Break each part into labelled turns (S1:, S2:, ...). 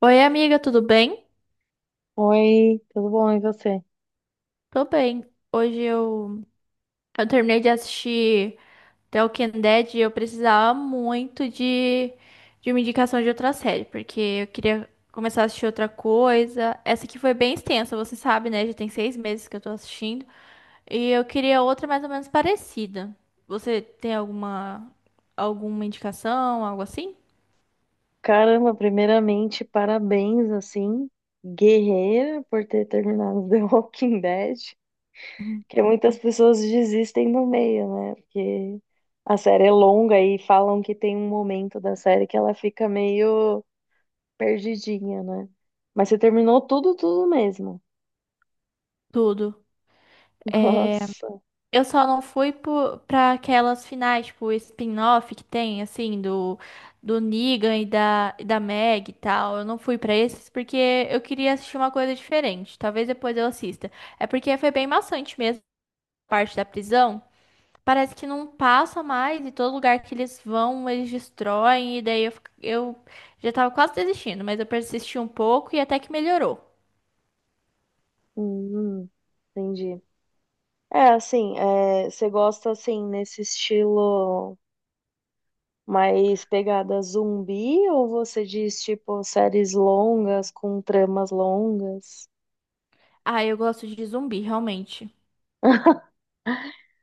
S1: Oi, amiga, tudo bem?
S2: Oi, tudo bom? E você?
S1: Tô bem. Hoje eu terminei de assistir The Walking Dead e eu precisava muito de uma indicação de outra série, porque eu queria começar a assistir outra coisa. Essa aqui foi bem extensa, você sabe, né? Já tem seis meses que eu tô assistindo. E eu queria outra mais ou menos parecida. Você tem alguma indicação, algo assim?
S2: Caramba, primeiramente, parabéns, assim, guerreira, por ter terminado The Walking Dead,
S1: Uhum.
S2: que muitas pessoas desistem no meio, né? Porque a série é longa e falam que tem um momento da série que ela fica meio perdidinha, né? Mas você terminou tudo, tudo mesmo.
S1: Tudo. É,
S2: Nossa,
S1: eu só não fui pra aquelas finais, tipo, o spin-off que tem, assim, do Negan e e da Meg e tal. Eu não fui pra esses porque eu queria assistir uma coisa diferente. Talvez depois eu assista. É porque foi bem maçante mesmo a parte da prisão. Parece que não passa mais e todo lugar que eles vão, eles destroem. E daí eu já tava quase desistindo, mas eu persisti um pouco e até que melhorou.
S2: hum, entendi. É, assim, você gosta, assim, nesse estilo. Mas pegada zumbi ou você diz tipo séries longas com tramas longas?
S1: Ah, eu gosto de zumbi, realmente.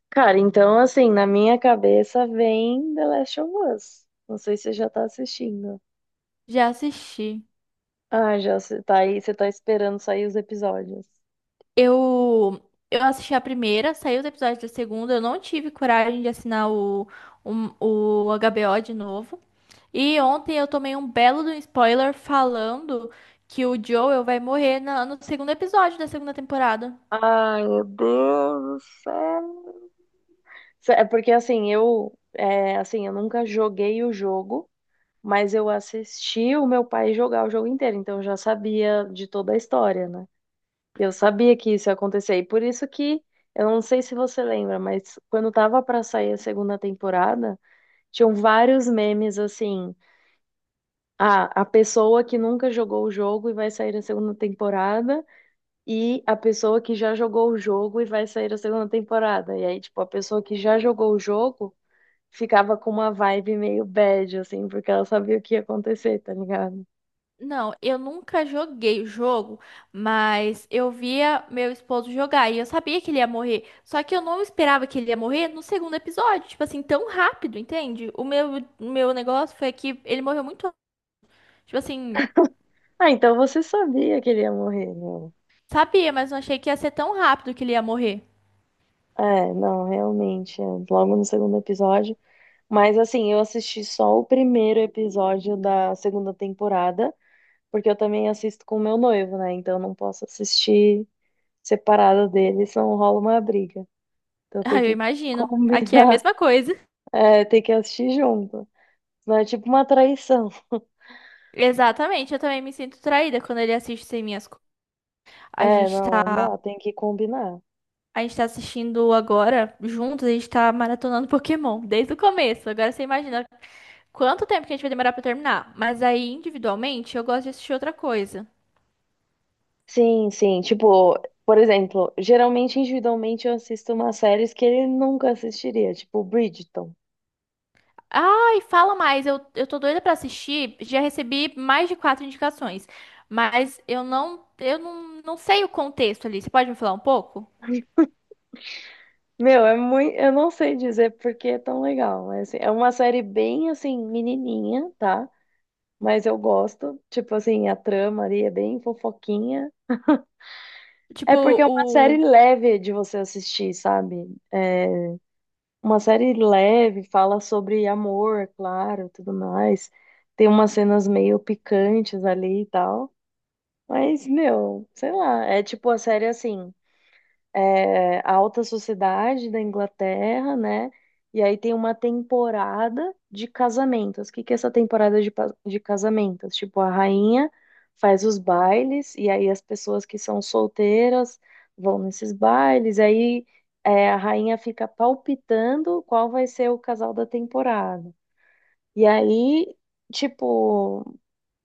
S2: Cara, então assim, na minha cabeça vem The Last of Us. Não sei se você já tá assistindo.
S1: Já assisti.
S2: Ah, já você tá aí, você tá esperando sair os episódios.
S1: Eu, eu assisti a primeira, saiu os episódios da segunda, eu não tive coragem de assinar o HBO de novo. E ontem eu tomei um belo de um spoiler falando que o Joel vai morrer no segundo episódio da segunda temporada.
S2: Ai, meu Deus do céu. É porque assim, eu nunca joguei o jogo, mas eu assisti o meu pai jogar o jogo inteiro, então eu já sabia de toda a história, né? Eu sabia que isso ia acontecer, e por isso que eu não sei se você lembra, mas quando tava pra sair a segunda temporada, tinham vários memes assim: ah, a pessoa que nunca jogou o jogo e vai sair a segunda temporada, e a pessoa que já jogou o jogo e vai sair a segunda temporada. E aí, tipo, a pessoa que já jogou o jogo ficava com uma vibe meio bad, assim, porque ela sabia o que ia acontecer, tá ligado?
S1: Não, eu nunca joguei o jogo, mas eu via meu esposo jogar e eu sabia que ele ia morrer. Só que eu não esperava que ele ia morrer no segundo episódio, tipo assim, tão rápido, entende? O meu negócio foi que ele morreu muito, tipo assim.
S2: Ah, então você sabia que ele ia morrer, meu.
S1: Sabia, mas não achei que ia ser tão rápido que ele ia morrer.
S2: É, não, realmente, logo no segundo episódio. Mas assim, eu assisti só o primeiro episódio da segunda temporada, porque eu também assisto com o meu noivo, né? Então eu não posso assistir separada dele, senão rola uma briga. Então tem
S1: Ah, eu
S2: que
S1: imagino. Aqui é a
S2: combinar,
S1: mesma coisa.
S2: tem que assistir junto. Não é tipo uma traição.
S1: Exatamente, eu também me sinto traída quando ele assiste sem minhas coisas. A
S2: É,
S1: gente
S2: não, não
S1: tá,
S2: dá, tem que combinar.
S1: a gente tá assistindo agora, juntos, a gente tá maratonando Pokémon desde o começo. Agora você imagina quanto tempo que a gente vai demorar pra terminar. Mas aí, individualmente, eu gosto de assistir outra coisa.
S2: Sim, sim. Tipo, por exemplo, geralmente individualmente eu assisto umas séries que ele nunca assistiria, tipo Bridgerton.
S1: Ai, fala mais, eu tô doida pra assistir. Já recebi mais de quatro indicações, mas eu não sei o contexto ali. Você pode me falar um pouco?
S2: Meu, é muito. Eu não sei dizer porque é tão legal, mas assim, é uma série bem assim, menininha, tá? Mas eu gosto. Tipo assim, a trama ali é bem fofoquinha. É porque
S1: Tipo,
S2: é uma série
S1: o.
S2: leve de você assistir, sabe? É uma série leve, fala sobre amor, é claro, tudo mais. Tem umas cenas meio picantes ali e tal. Mas, meu, sei lá, é tipo a série assim, a alta sociedade da Inglaterra, né? E aí tem uma temporada de casamentos. O que que é essa temporada de casamentos? Tipo, a rainha faz os bailes, e aí as pessoas que são solteiras vão nesses bailes, e aí a rainha fica palpitando qual vai ser o casal da temporada. E aí, tipo,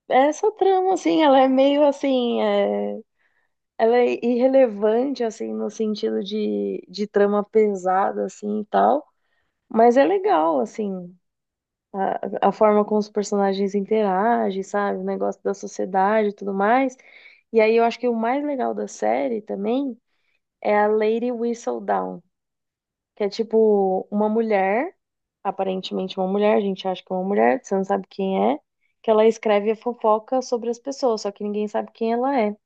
S2: essa trama, assim, ela é meio assim, ela é irrelevante, assim, no sentido de trama pesada, assim, e tal. Mas é legal, assim, a forma como os personagens interagem, sabe? O negócio da sociedade e tudo mais. E aí eu acho que o mais legal da série também é a Lady Whistledown, que é tipo uma mulher, aparentemente uma mulher, a gente acha que é uma mulher, você não sabe quem é, que ela escreve a fofoca sobre as pessoas, só que ninguém sabe quem ela é.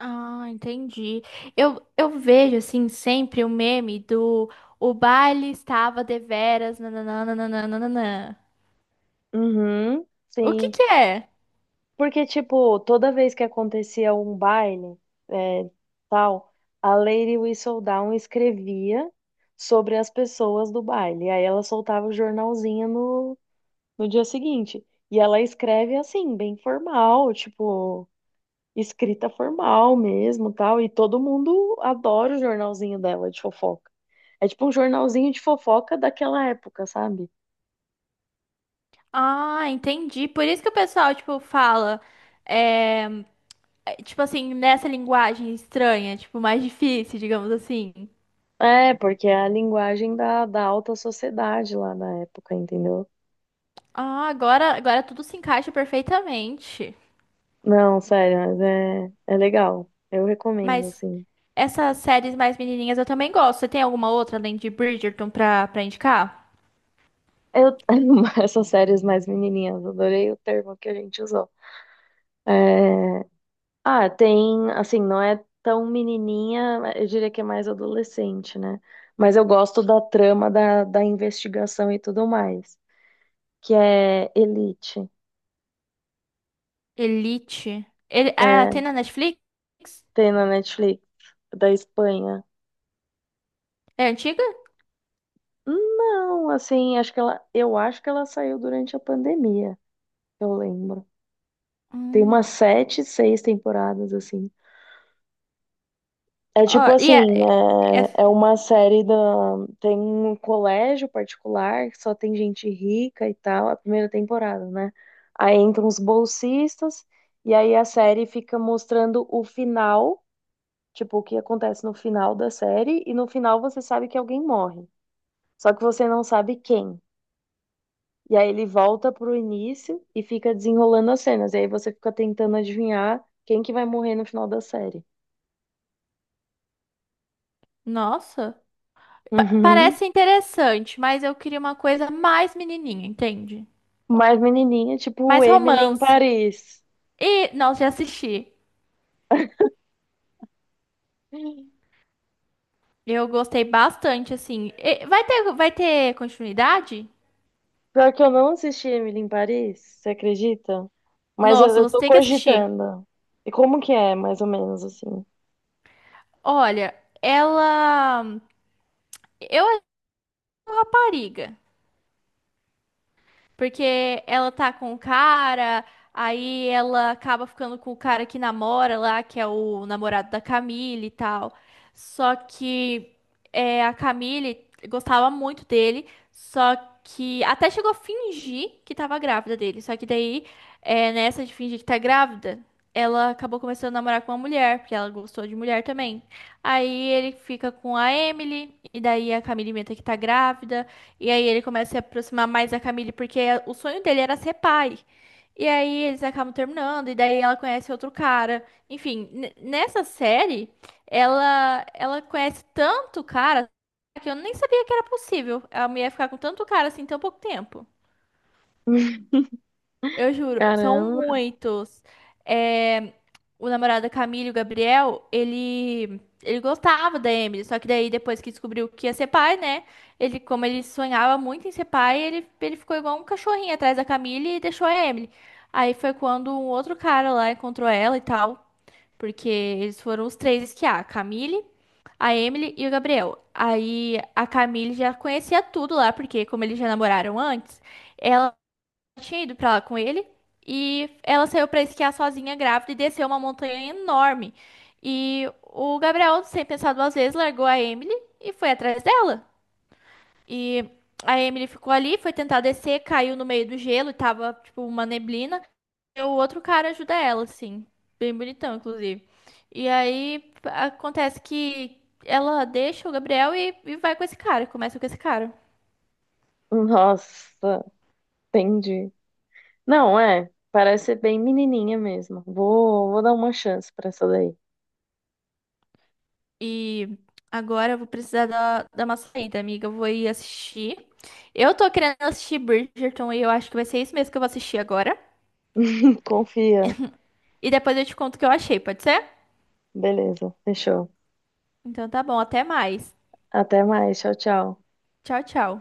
S1: Ah, entendi. Eu vejo, assim, sempre o meme do o baile estava deveras, nananana.
S2: Uhum,
S1: O que
S2: sim.
S1: que é?
S2: Porque, tipo, toda vez que acontecia um baile, é, tal, a Lady Whistledown escrevia sobre as pessoas do baile. Aí ela soltava o jornalzinho no dia seguinte. E ela escreve assim, bem formal, tipo, escrita formal mesmo, tal. E todo mundo adora o jornalzinho dela de fofoca. É tipo um jornalzinho de fofoca daquela época, sabe?
S1: Ah, entendi. Por isso que o pessoal, tipo, fala, é, é, tipo assim, nessa linguagem estranha, tipo, mais difícil, digamos assim.
S2: É, porque é a linguagem da alta sociedade lá na época, entendeu?
S1: Ah, agora tudo se encaixa perfeitamente.
S2: Não, sério, mas é legal. Eu recomendo,
S1: Mas
S2: assim.
S1: essas séries mais menininhas eu também gosto. Você tem alguma outra além de Bridgerton pra indicar?
S2: Eu, essas séries mais menininhas, adorei o termo que a gente usou. É, Ah, tem, assim, não é tão menininha, eu diria que é mais adolescente, né? Mas eu gosto da trama da investigação e tudo mais, que é Elite.
S1: Elite. Ele, ah,
S2: É,
S1: tem na Netflix?
S2: tem na Netflix, da Espanha.
S1: É antiga?
S2: Não, assim, eu acho que ela saiu durante a pandemia, eu lembro. Tem
S1: Hum,
S2: umas sete, seis temporadas, assim. É tipo
S1: ó,
S2: assim,
S1: é-
S2: é, é uma série da. Tem um colégio particular que só tem gente rica e tal, a primeira temporada, né? Aí entram os bolsistas, e aí a série fica mostrando o final, tipo, o que acontece no final da série, e no final você sabe que alguém morre. Só que você não sabe quem. E aí ele volta pro início e fica desenrolando as cenas. E aí você fica tentando adivinhar quem que vai morrer no final da série.
S1: nossa,
S2: Uhum.
S1: parece interessante, mas eu queria uma coisa mais menininha, entende?
S2: Mas menininha, tipo
S1: Mais
S2: Emily em
S1: romance.
S2: Paris.
S1: E, nossa, já assisti. Eu gostei bastante, assim. E vai ter continuidade?
S2: Pior que eu não assisti Emily em Paris, você acredita? Mas eu,
S1: Nossa,
S2: eu
S1: você
S2: tô
S1: tem que assistir.
S2: cogitando. E como que é, mais ou menos, assim?
S1: Olha, ela... Eu acho uma rapariga. Porque ela tá com o cara, aí ela acaba ficando com o cara que namora lá, que é o namorado da Camille e tal. Só que é, a Camille gostava muito dele, só que até chegou a fingir que tava grávida dele. Só que daí, é, nessa de fingir que tá grávida, ela acabou começando a namorar com uma mulher, porque ela gostou de mulher também. Aí ele fica com a Emily, e daí a Camille inventa que tá grávida. E aí ele começa a se aproximar mais da Camille, porque é, o sonho dele era ser pai. E aí eles acabam terminando, e daí ela conhece outro cara. Enfim, nessa série, ela conhece tanto cara que eu nem sabia que era possível a mulher ficar com tanto cara assim em tão pouco tempo. Eu juro, são
S2: Caramba.
S1: muitos. É, o namorado da Camila, o Gabriel, ele gostava da Emily, só que daí depois que descobriu que ia ser pai, né? Ele, como ele sonhava muito em ser pai, ele ficou igual um cachorrinho atrás da Camila e deixou a Emily. Aí foi quando um outro cara lá encontrou ela e tal, porque eles foram os três esquiar, a Camille, a Emily e o Gabriel. Aí a Camille já conhecia tudo lá, porque como eles já namoraram antes, ela tinha ido pra lá com ele e ela saiu pra esquiar sozinha, grávida, e desceu uma montanha enorme. E o Gabriel, sem pensar duas vezes, largou a Emily e foi atrás dela. E a Emily ficou ali, foi tentar descer, caiu no meio do gelo e tava, tipo, uma neblina. E o outro cara ajuda ela, assim, bem bonitão, inclusive. E aí acontece que ela deixa o Gabriel e vai com esse cara, começa com esse cara.
S2: Nossa, entendi. Não, é. Parece ser bem menininha mesmo. Vou dar uma chance pra essa daí.
S1: E agora eu vou precisar dar uma saída, amiga. Eu vou ir assistir. Eu tô querendo assistir Bridgerton e eu acho que vai ser isso mesmo que eu vou assistir agora.
S2: Confia.
S1: E depois eu te conto o que eu achei, pode ser?
S2: Beleza, fechou.
S1: Então tá bom, até mais.
S2: Até mais. Tchau, tchau.
S1: Tchau, tchau.